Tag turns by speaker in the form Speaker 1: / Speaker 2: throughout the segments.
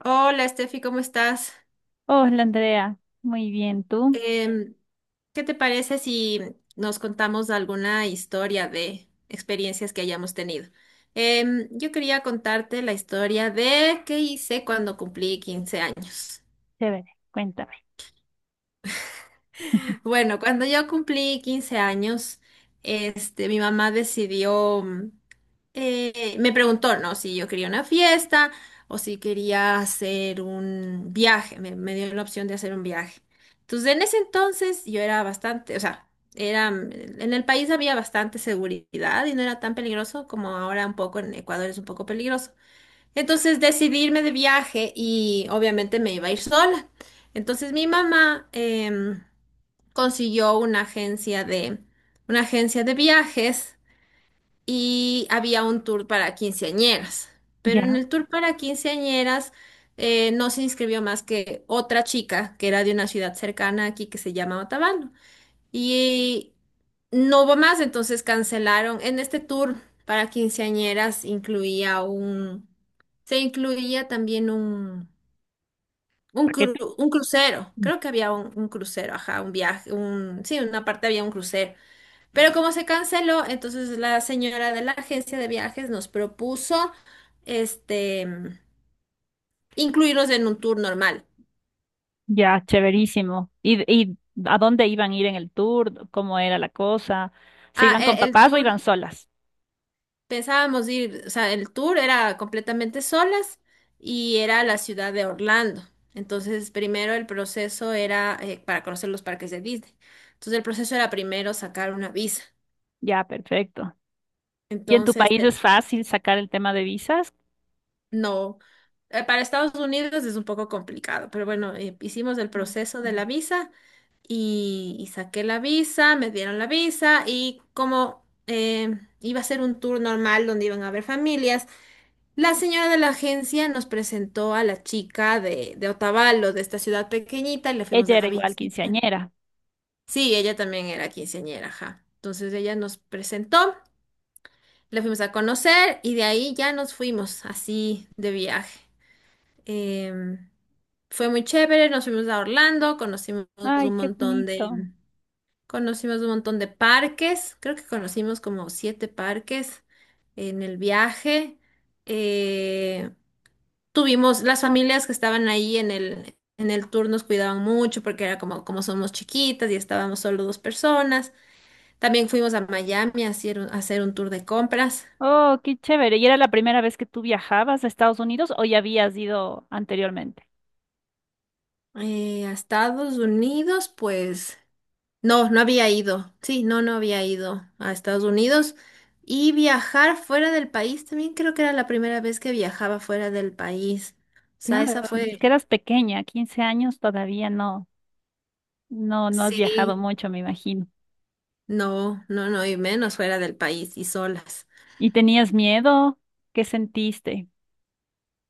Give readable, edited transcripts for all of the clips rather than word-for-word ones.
Speaker 1: Hola, Steffi, ¿cómo estás?
Speaker 2: Hola, Andrea, muy bien, ¿tú?
Speaker 1: Em, ¿Qué te parece si nos contamos alguna historia de experiencias que hayamos tenido? Yo quería contarte la historia de qué hice cuando cumplí 15 años.
Speaker 2: Chévere, cuéntame.
Speaker 1: Bueno, cuando yo cumplí 15 años, mi mamá decidió me preguntó, ¿no? Si yo quería una fiesta o si quería hacer un viaje. Me dio la opción de hacer un viaje. Entonces, en ese entonces yo era bastante, o sea, era, en el país había bastante seguridad y no era tan peligroso como ahora. Un poco en Ecuador es un poco peligroso. Entonces decidí irme de viaje y obviamente me iba a ir sola. Entonces mi mamá em, consiguió una agencia de viajes y había un tour para quinceañeras. Pero en
Speaker 2: Ya,
Speaker 1: el tour para quinceañeras, no se inscribió más que otra chica que era de una ciudad cercana aquí que se llama Otavalo. Y no hubo más, entonces cancelaron. En este tour para quinceañeras incluía un. Se incluía también un, un,
Speaker 2: paquete.
Speaker 1: cru- un crucero.
Speaker 2: Mm.
Speaker 1: Creo que había un crucero, ajá, un viaje, sí, una parte había un crucero. Pero como se canceló, entonces la señora de la agencia de viajes nos propuso este incluirlos en un tour normal.
Speaker 2: Ya, chéverísimo. ¿Y a dónde iban a ir en el tour? ¿Cómo era la cosa? ¿Se
Speaker 1: Ah,
Speaker 2: iban con papás o iban solas?
Speaker 1: pensábamos ir, o sea, el tour era completamente solas y era la ciudad de Orlando. Entonces, primero el proceso era, para conocer los parques de Disney. Entonces, el proceso era primero sacar una visa.
Speaker 2: Ya, perfecto. ¿Y en tu
Speaker 1: Entonces.
Speaker 2: país es fácil sacar el tema de visas?
Speaker 1: No, para Estados Unidos es un poco complicado, pero bueno, hicimos el
Speaker 2: Me
Speaker 1: proceso de
Speaker 2: imagino.
Speaker 1: la visa y saqué la visa, me dieron la visa, y como iba a ser un tour normal donde iban a haber familias, la señora de la agencia nos presentó a la chica de, Otavalo, de esta ciudad pequeñita, y le fuimos
Speaker 2: Ella
Speaker 1: a
Speaker 2: era igual
Speaker 1: visitar.
Speaker 2: quinceañera.
Speaker 1: Sí, ella también era quinceañera, ajá. Entonces ella nos presentó, la fuimos a conocer y de ahí ya nos fuimos así de viaje. Em, Fue muy chévere, nos fuimos a Orlando,
Speaker 2: Ay,
Speaker 1: un
Speaker 2: qué
Speaker 1: montón de,
Speaker 2: bonito.
Speaker 1: conocimos un montón de parques. Creo que conocimos como siete parques en el viaje. Eh, Tuvimos, las familias que estaban ahí en el tour nos cuidaban mucho porque era como somos chiquitas y estábamos solo dos personas. También fuimos a Miami a hacer un tour de compras.
Speaker 2: Oh, qué chévere. ¿Y era la primera vez que tú viajabas a Estados Unidos o ya habías ido anteriormente?
Speaker 1: A Estados Unidos, pues. No, no había ido. Sí, no, no había ido a Estados Unidos. Y viajar fuera del país, también creo que era la primera vez que viajaba fuera del país. O sea,
Speaker 2: Claro,
Speaker 1: esa
Speaker 2: es
Speaker 1: fue,
Speaker 2: que eras pequeña, 15 años todavía no. No, no has viajado
Speaker 1: sí,
Speaker 2: mucho, me imagino.
Speaker 1: no, no, no, y menos fuera del país y solas.
Speaker 2: ¿Y tenías miedo? ¿Qué sentiste?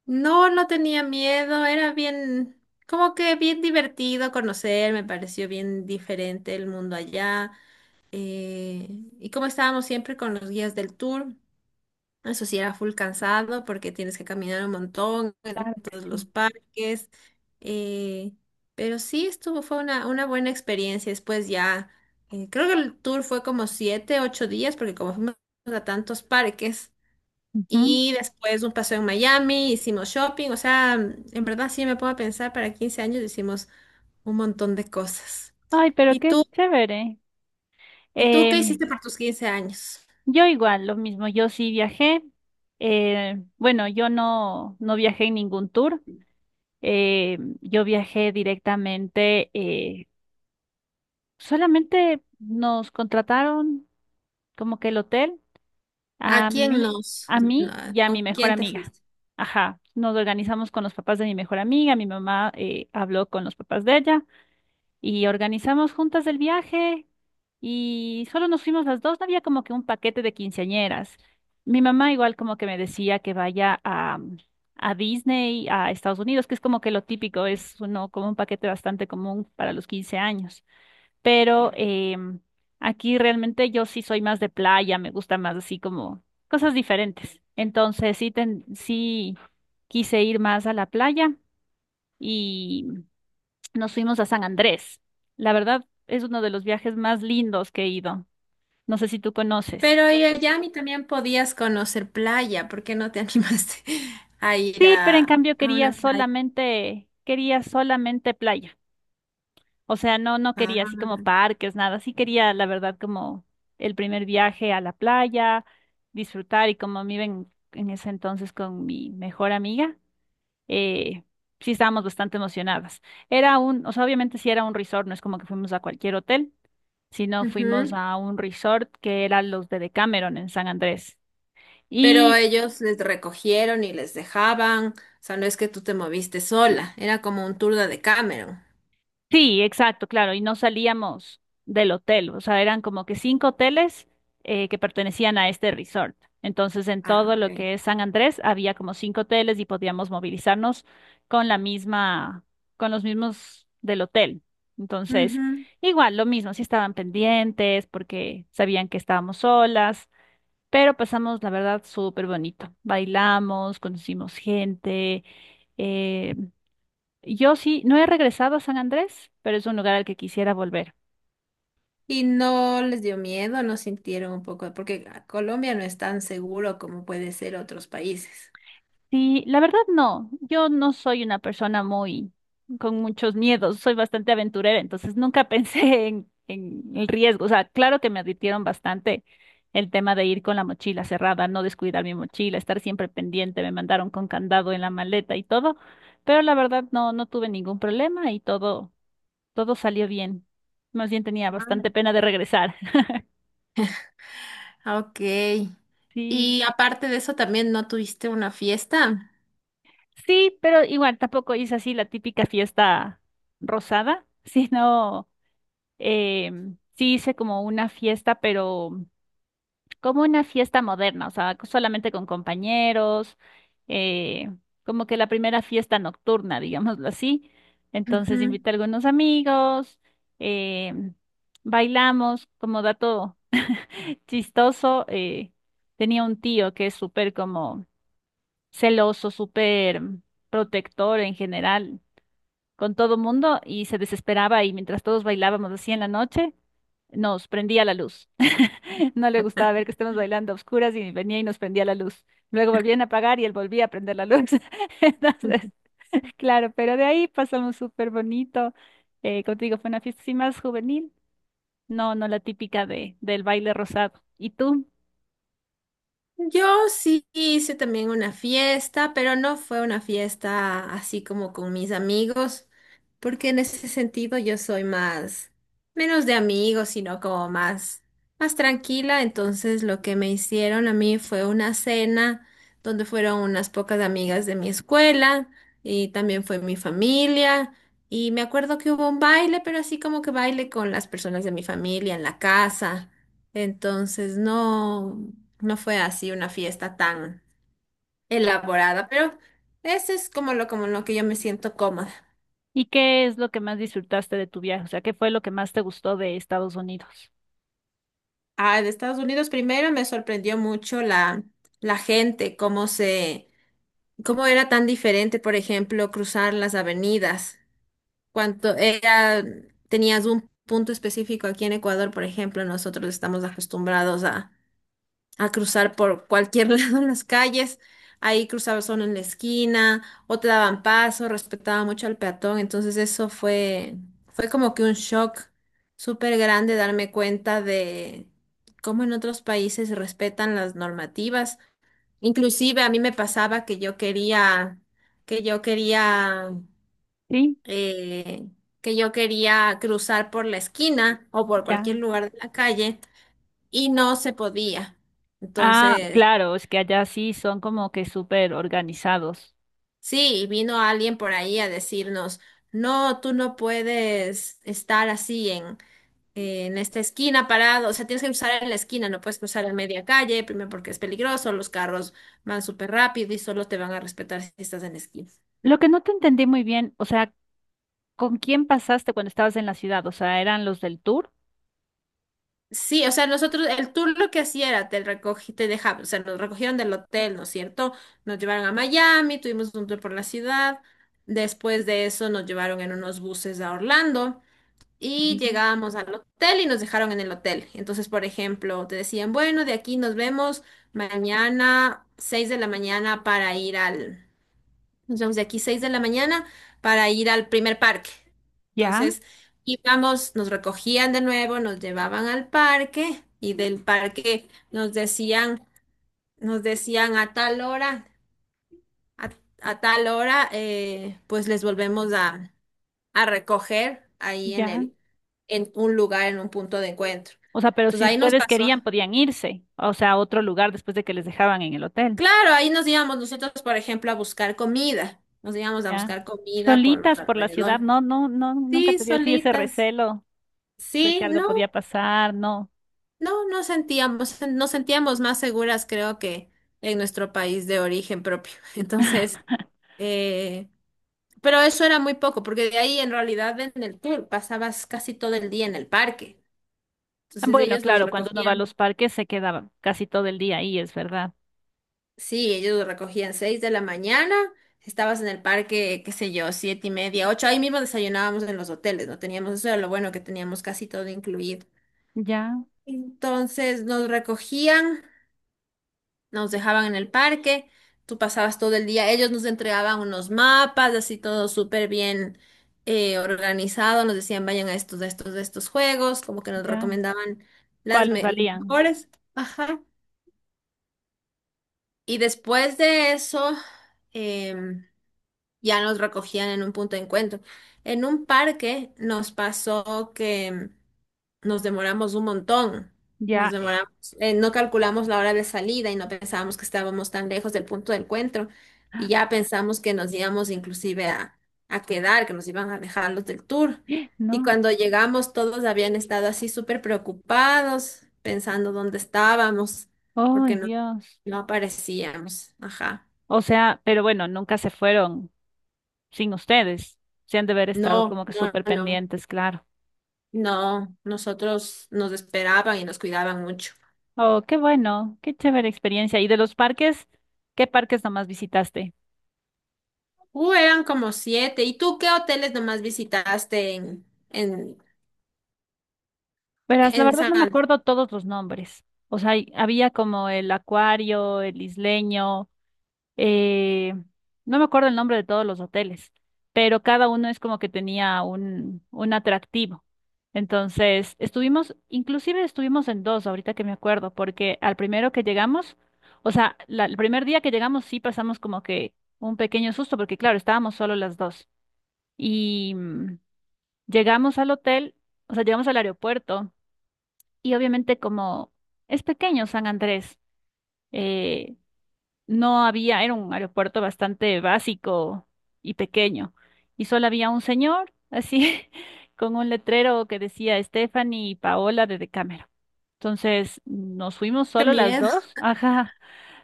Speaker 1: No, no tenía miedo, era bien, como que bien divertido conocer, me pareció bien diferente el mundo allá. eh, y como estábamos siempre con los guías del tour. Eso sí era full cansado porque tienes que caminar un montón en
Speaker 2: Claro que
Speaker 1: todos los
Speaker 2: sí.
Speaker 1: parques. eh, pero sí estuvo, fue una buena experiencia. Después ya, creo que el tour fue como 7, 8 días porque como fuimos a tantos parques.
Speaker 2: Ujú.
Speaker 1: Y después un paseo en Miami, hicimos shopping. O sea, en verdad sí me puedo pensar, para 15 años hicimos un montón de cosas.
Speaker 2: Ay, pero
Speaker 1: ¿Y
Speaker 2: qué
Speaker 1: tú?
Speaker 2: chévere.
Speaker 1: ¿Y tú
Speaker 2: Eh,
Speaker 1: qué hiciste por tus 15 años?
Speaker 2: yo igual, lo mismo, yo sí viajé. Bueno, yo no viajé en ningún tour. Yo viajé directamente, solamente nos contrataron como que el hotel.
Speaker 1: ¿A
Speaker 2: A
Speaker 1: quién
Speaker 2: mí,
Speaker 1: nos?
Speaker 2: a
Speaker 1: No.
Speaker 2: mí y a
Speaker 1: ¿Con
Speaker 2: mi mejor
Speaker 1: quién te
Speaker 2: amiga.
Speaker 1: fuiste?
Speaker 2: Ajá, nos organizamos con los papás de mi mejor amiga, mi mamá habló con los papás de ella y organizamos juntas el viaje y solo nos fuimos las dos, no había como que un paquete de quinceañeras. Mi mamá igual como que me decía que vaya a Disney, a Estados Unidos, que es como que lo típico, es uno como un paquete bastante común para los 15 años, pero aquí realmente yo sí soy más de playa, me gusta más así como cosas diferentes. Entonces sí, sí quise ir más a la playa y nos fuimos a San Andrés. La verdad es uno de los viajes más lindos que he ido. No sé si tú conoces.
Speaker 1: Pero y allá a mí también podías conocer playa, ¿por qué no te animaste a ir
Speaker 2: Sí, pero en cambio
Speaker 1: a una playa?
Speaker 2: quería solamente playa. O sea, no
Speaker 1: Ah,
Speaker 2: quería así como parques, nada. Sí quería, la verdad, como el primer viaje a la playa, disfrutar y como me iba en ese entonces con mi mejor amiga, eh, sí estábamos bastante emocionadas. O sea, obviamente sí era un resort, no es como que fuimos a cualquier hotel, sino fuimos
Speaker 1: ujú.
Speaker 2: a un resort que era los de Decameron en San Andrés.
Speaker 1: Pero
Speaker 2: Y
Speaker 1: ellos les recogieron y les dejaban, o sea, no es que tú te moviste sola, era como un tour de Cameron.
Speaker 2: Sí, exacto, claro, y no salíamos del hotel, o sea, eran como que cinco hoteles que pertenecían a este resort. Entonces, en
Speaker 1: Ah,
Speaker 2: todo lo
Speaker 1: ok.
Speaker 2: que es San Andrés había como cinco hoteles y podíamos movilizarnos con la misma, con los mismos del hotel. Entonces,
Speaker 1: Ujú.
Speaker 2: igual, lo mismo, sí estaban pendientes porque sabían que estábamos solas, pero pasamos, la verdad, súper bonito. Bailamos, conocimos gente. eh, yo sí, no he regresado a San Andrés, pero es un lugar al que quisiera volver.
Speaker 1: Y no les dio miedo, no sintieron un poco, porque Colombia no es tan seguro como puede ser otros países.
Speaker 2: Sí, la verdad no, yo no soy una persona muy con muchos miedos, soy bastante aventurera, entonces nunca pensé en el riesgo. O sea, claro que me advirtieron bastante el tema de ir con la mochila cerrada, no descuidar mi mochila, estar siempre pendiente, me mandaron con candado en la maleta y todo, pero la verdad no tuve ningún problema y todo salió bien. Más bien tenía
Speaker 1: Ah,
Speaker 2: bastante pena de regresar.
Speaker 1: ok.
Speaker 2: Sí.
Speaker 1: Y aparte de eso, también no tuviste una fiesta.
Speaker 2: Sí, pero igual tampoco hice así la típica fiesta rosada, sino sí hice como una fiesta, pero como una fiesta moderna, o sea, solamente con compañeros, eh, como que la primera fiesta nocturna, digámoslo así. Entonces
Speaker 1: Ujú.
Speaker 2: invité a algunos amigos, em, bailamos, como dato chistoso, tenía un tío que es súper como celoso, súper protector en general con todo mundo y se desesperaba y mientras todos bailábamos así en la noche, nos prendía la luz. No le gustaba ver que estemos bailando a oscuras y venía y nos prendía la luz. Luego volvían a apagar y él volvía a prender la luz. Entonces, claro, pero de ahí pasamos súper bonito. Contigo fue una fiesta así más juvenil, no la típica del baile rosado. ¿Y tú?
Speaker 1: Yo sí hice también una fiesta, pero no fue una fiesta así como con mis amigos, porque en ese sentido yo soy más, menos de amigos, sino como más tranquila. Entonces lo que me hicieron a mí fue una cena donde fueron unas pocas amigas de mi escuela, y también fue mi familia. Y me acuerdo que hubo un baile, pero así como que baile con las personas de mi familia en la casa. Entonces, no. No fue así una fiesta tan elaborada, pero eso es como lo que yo me siento cómoda.
Speaker 2: ¿Y qué es lo que más disfrutaste de tu viaje? O sea, ¿qué fue lo que más te gustó de Estados Unidos?
Speaker 1: Ah, de Estados Unidos primero me sorprendió mucho la gente, cómo era tan diferente, por ejemplo, cruzar las avenidas. Cuanto era, tenías un punto específico aquí en Ecuador, por ejemplo, nosotros estamos acostumbrados a cruzar por cualquier lado en las calles. Ahí cruzaba solo en la esquina, o te daban paso, respetaba mucho al peatón. Entonces eso fue como que un shock súper grande darme cuenta de cómo en otros países respetan las normativas. Inclusive a mí me pasaba que yo quería, que yo quería,
Speaker 2: Sí,
Speaker 1: eh, que yo quería cruzar por la esquina o por cualquier
Speaker 2: ya.
Speaker 1: lugar de la calle y no se podía.
Speaker 2: Ah,
Speaker 1: Entonces.
Speaker 2: claro, es que allá sí son como que súper organizados.
Speaker 1: Sí, y vino alguien por ahí a decirnos, no, tú no puedes estar así en esta esquina parado, o sea, tienes que cruzar en la esquina, no puedes cruzar en media calle, primero porque es peligroso, los carros van súper rápido y solo te van a respetar si estás en la esquina.
Speaker 2: Lo que no te entendí muy bien, o sea, ¿con quién pasaste cuando estabas en la ciudad? O sea, ¿eran los del tour?
Speaker 1: Sí, o sea, nosotros, el tour lo que hacía era, te recogí, te dejaba, o sea, nos recogieron del hotel, ¿no es cierto? Nos llevaron a Miami, tuvimos un tour por la ciudad, después de eso nos llevaron en unos buses a Orlando. Y
Speaker 2: Ujú.
Speaker 1: llegábamos al hotel y nos dejaron en el hotel. Entonces, por ejemplo, te decían, bueno, de aquí nos vemos mañana 6 de la mañana para ir al, nos vemos de aquí 6 de la mañana para ir al primer parque.
Speaker 2: Ya,
Speaker 1: Entonces, íbamos, nos recogían de nuevo, nos llevaban al parque y del parque nos decían a tal hora, a, pues les volvemos a recoger ahí
Speaker 2: ya.
Speaker 1: en un lugar, en un punto de encuentro.
Speaker 2: O sea, pero si
Speaker 1: Entonces ahí nos
Speaker 2: ustedes
Speaker 1: pasó.
Speaker 2: querían, podían irse, o sea, a otro lugar después de que les dejaban en el hotel.
Speaker 1: Claro, ahí nos íbamos nosotros, por ejemplo, a buscar comida. Nos íbamos a
Speaker 2: Ya.
Speaker 1: buscar comida por
Speaker 2: Solitas
Speaker 1: nuestro
Speaker 2: por la ciudad,
Speaker 1: alrededor.
Speaker 2: no, no, no, nunca
Speaker 1: Sí,
Speaker 2: te dio así ese
Speaker 1: solitas.
Speaker 2: recelo de que
Speaker 1: Sí,
Speaker 2: algo
Speaker 1: no,
Speaker 2: podía pasar, no.
Speaker 1: no, nos sentíamos más seguras, creo que en nuestro país de origen propio. Entonces, eh, pero eso era muy poco, porque de ahí en realidad en el tour pasabas casi todo el día en el parque. Entonces
Speaker 2: Bueno,
Speaker 1: ellos nos
Speaker 2: claro, cuando uno va a
Speaker 1: recogían.
Speaker 2: los parques se queda casi todo el día ahí, es verdad.
Speaker 1: Sí, ellos recogían 6 de la mañana, estabas en el parque, qué sé yo, 7:30, ocho, ahí mismo desayunábamos en los hoteles, no teníamos, eso era lo bueno que teníamos casi todo incluido.
Speaker 2: Ya,
Speaker 1: Entonces nos recogían, nos dejaban en el parque, tú pasabas todo el día, ellos nos entregaban unos mapas, así todo súper bien organizado, nos decían vayan a estos, a estos, a estos juegos, como que nos
Speaker 2: ya.
Speaker 1: recomendaban las
Speaker 2: ¿Cuáles
Speaker 1: los
Speaker 2: valían?
Speaker 1: mejores. Ajá. Y después de eso, em, ya nos recogían en un punto de encuentro. En un parque nos pasó que nos demoramos un montón. Nos
Speaker 2: Ya,
Speaker 1: demoramos, no calculamos la hora de salida y no pensábamos que estábamos tan lejos del punto de encuentro.
Speaker 2: ah,
Speaker 1: Y ya pensamos que nos íbamos inclusive a quedar, que nos iban a dejar los del tour. Y
Speaker 2: no,
Speaker 1: cuando llegamos, todos habían estado así súper preocupados, pensando dónde estábamos,
Speaker 2: ay
Speaker 1: porque no,
Speaker 2: Dios.
Speaker 1: no aparecíamos. Ajá.
Speaker 2: O sea, pero bueno, nunca se fueron sin ustedes. Se han de haber estado
Speaker 1: No,
Speaker 2: como que
Speaker 1: no,
Speaker 2: súper
Speaker 1: no.
Speaker 2: pendientes, claro.
Speaker 1: No, nosotros nos esperaban y nos cuidaban mucho.
Speaker 2: Oh, qué bueno, qué chévere experiencia. ¿Y de los parques? ¿Qué parques nomás visitaste?
Speaker 1: Eran como siete. ¿Y tú qué hoteles nomás visitaste en, en,
Speaker 2: Verás, la
Speaker 1: en
Speaker 2: verdad
Speaker 1: San
Speaker 2: no me
Speaker 1: Andrés?
Speaker 2: acuerdo todos los nombres. O sea, había como el acuario, el isleño. eh, no me acuerdo el nombre de todos los hoteles, pero cada uno es como que tenía un atractivo. Entonces, estuvimos, inclusive estuvimos en dos, ahorita que me acuerdo, porque al primero que llegamos, o sea, el primer día que llegamos sí pasamos como que un pequeño susto, porque claro, estábamos solo las dos. Y llegamos al hotel, o sea, llegamos al aeropuerto y obviamente como es pequeño San Andrés. eh, no había, era un aeropuerto bastante básico y pequeño, y solo había un señor, así, con un letrero que decía Stephanie y Paola de Decámero. Entonces, nos fuimos
Speaker 1: Qué
Speaker 2: solo las
Speaker 1: miedo.
Speaker 2: dos, ajá,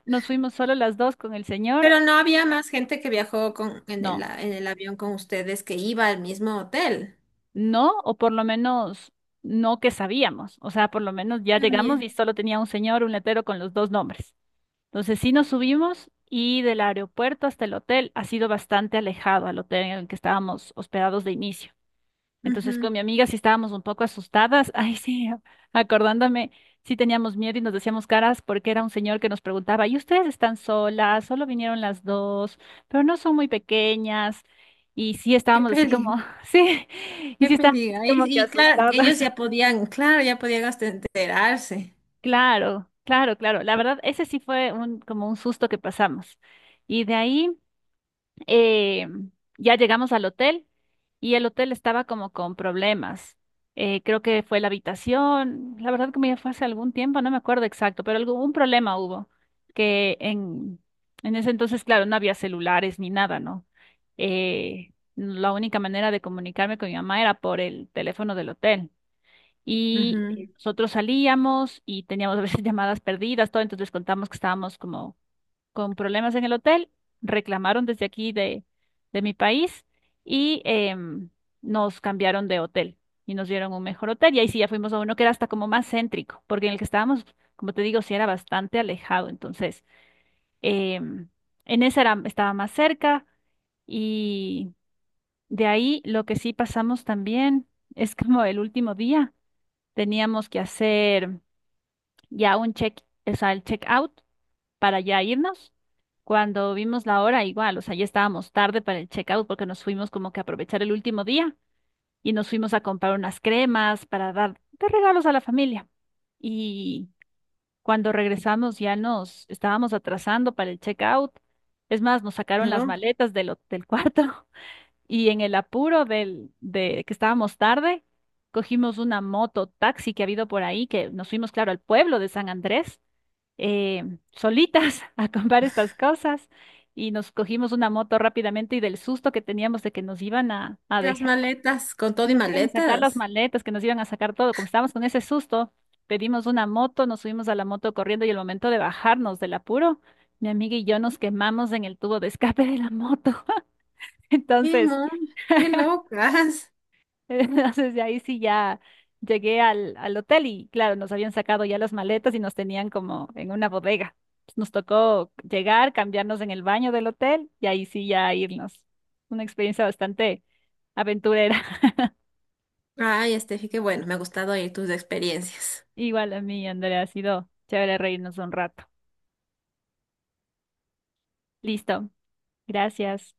Speaker 2: nos fuimos solo las dos con el señor,
Speaker 1: Pero no había más gente que viajó con, en el,
Speaker 2: no,
Speaker 1: a- en el avión con ustedes que iba al mismo hotel.
Speaker 2: no, o por lo menos no que sabíamos, o sea, por lo menos ya
Speaker 1: Qué
Speaker 2: llegamos
Speaker 1: miedo.
Speaker 2: y solo tenía un señor, un letrero con los dos nombres. Entonces sí nos subimos y del aeropuerto hasta el hotel ha sido bastante alejado al hotel en el que estábamos hospedados de inicio. Entonces
Speaker 1: Ujú.
Speaker 2: con mi amiga sí estábamos un poco asustadas. Ay, sí, acordándome, sí teníamos miedo y nos decíamos caras porque era un señor que nos preguntaba, ¿y ustedes están solas? Solo vinieron las dos, pero no son muy pequeñas. Y sí
Speaker 1: Qué
Speaker 2: estábamos así
Speaker 1: peligro,
Speaker 2: como, sí, y
Speaker 1: qué
Speaker 2: sí estábamos así
Speaker 1: peligro.
Speaker 2: como que
Speaker 1: Y claro, ellos
Speaker 2: asustadas.
Speaker 1: ya podían, claro, ya podían hasta enterarse.
Speaker 2: Claro, claro, claro. La verdad, ese sí fue como un susto que pasamos. Y de ahí... eh, ya llegamos al hotel y el hotel estaba como con problemas. Creo que fue la habitación, la verdad como ya fue hace algún tiempo, no me acuerdo exacto, pero algún un problema hubo, que en ese entonces, claro, no había celulares ni nada, ¿no? La única manera de comunicarme con mi mamá era por el teléfono del hotel. Y
Speaker 1: Ujú.
Speaker 2: nosotros salíamos y teníamos a veces llamadas perdidas, todo, entonces les contamos que estábamos como con problemas en el hotel, reclamaron desde aquí de mi país y nos cambiaron de hotel y nos dieron un mejor hotel. Y ahí sí ya fuimos a uno que era hasta como más céntrico, porque en el que estábamos, como te digo, sí era bastante alejado. Entonces, em, en ese era, estaba más cerca y de ahí lo que sí pasamos también es como el último día teníamos que hacer ya un check, o sea, el check out para ya irnos. Cuando vimos la hora, igual, o sea, ya estábamos tarde para el checkout porque nos fuimos como que a aprovechar el último día y nos fuimos a comprar unas cremas para dar de regalos a la familia. Y cuando regresamos ya nos estábamos atrasando para el checkout. Es más, nos sacaron
Speaker 1: Pero
Speaker 2: las maletas del cuarto y en el apuro de que estábamos tarde, cogimos una moto taxi que ha habido por ahí, que nos fuimos, claro, al pueblo de San Andrés eh, solitas a comprar estas cosas y nos cogimos una moto rápidamente y del susto que teníamos de que nos iban a
Speaker 1: las
Speaker 2: dejar,
Speaker 1: maletas, con todo
Speaker 2: que
Speaker 1: y
Speaker 2: nos iban a sacar las
Speaker 1: maletas.
Speaker 2: maletas, que nos iban a sacar todo, como estábamos con ese susto, pedimos una moto, nos subimos a la moto corriendo y el momento de bajarnos del apuro, mi amiga y yo nos quemamos en el tubo de escape de la moto.
Speaker 1: Qué
Speaker 2: Entonces,
Speaker 1: mon, qué locas.
Speaker 2: entonces, de ahí sí ya llegué al hotel y claro, nos habían sacado ya las maletas y nos tenían como en una bodega. Nos tocó llegar, cambiarnos en el baño del hotel y ahí sí ya irnos. Una experiencia bastante aventurera.
Speaker 1: Ay, Estefi, qué bueno, me ha gustado oír tus experiencias.
Speaker 2: Igual a mí, Andrea, ha sido chévere reírnos un rato. Listo. Gracias.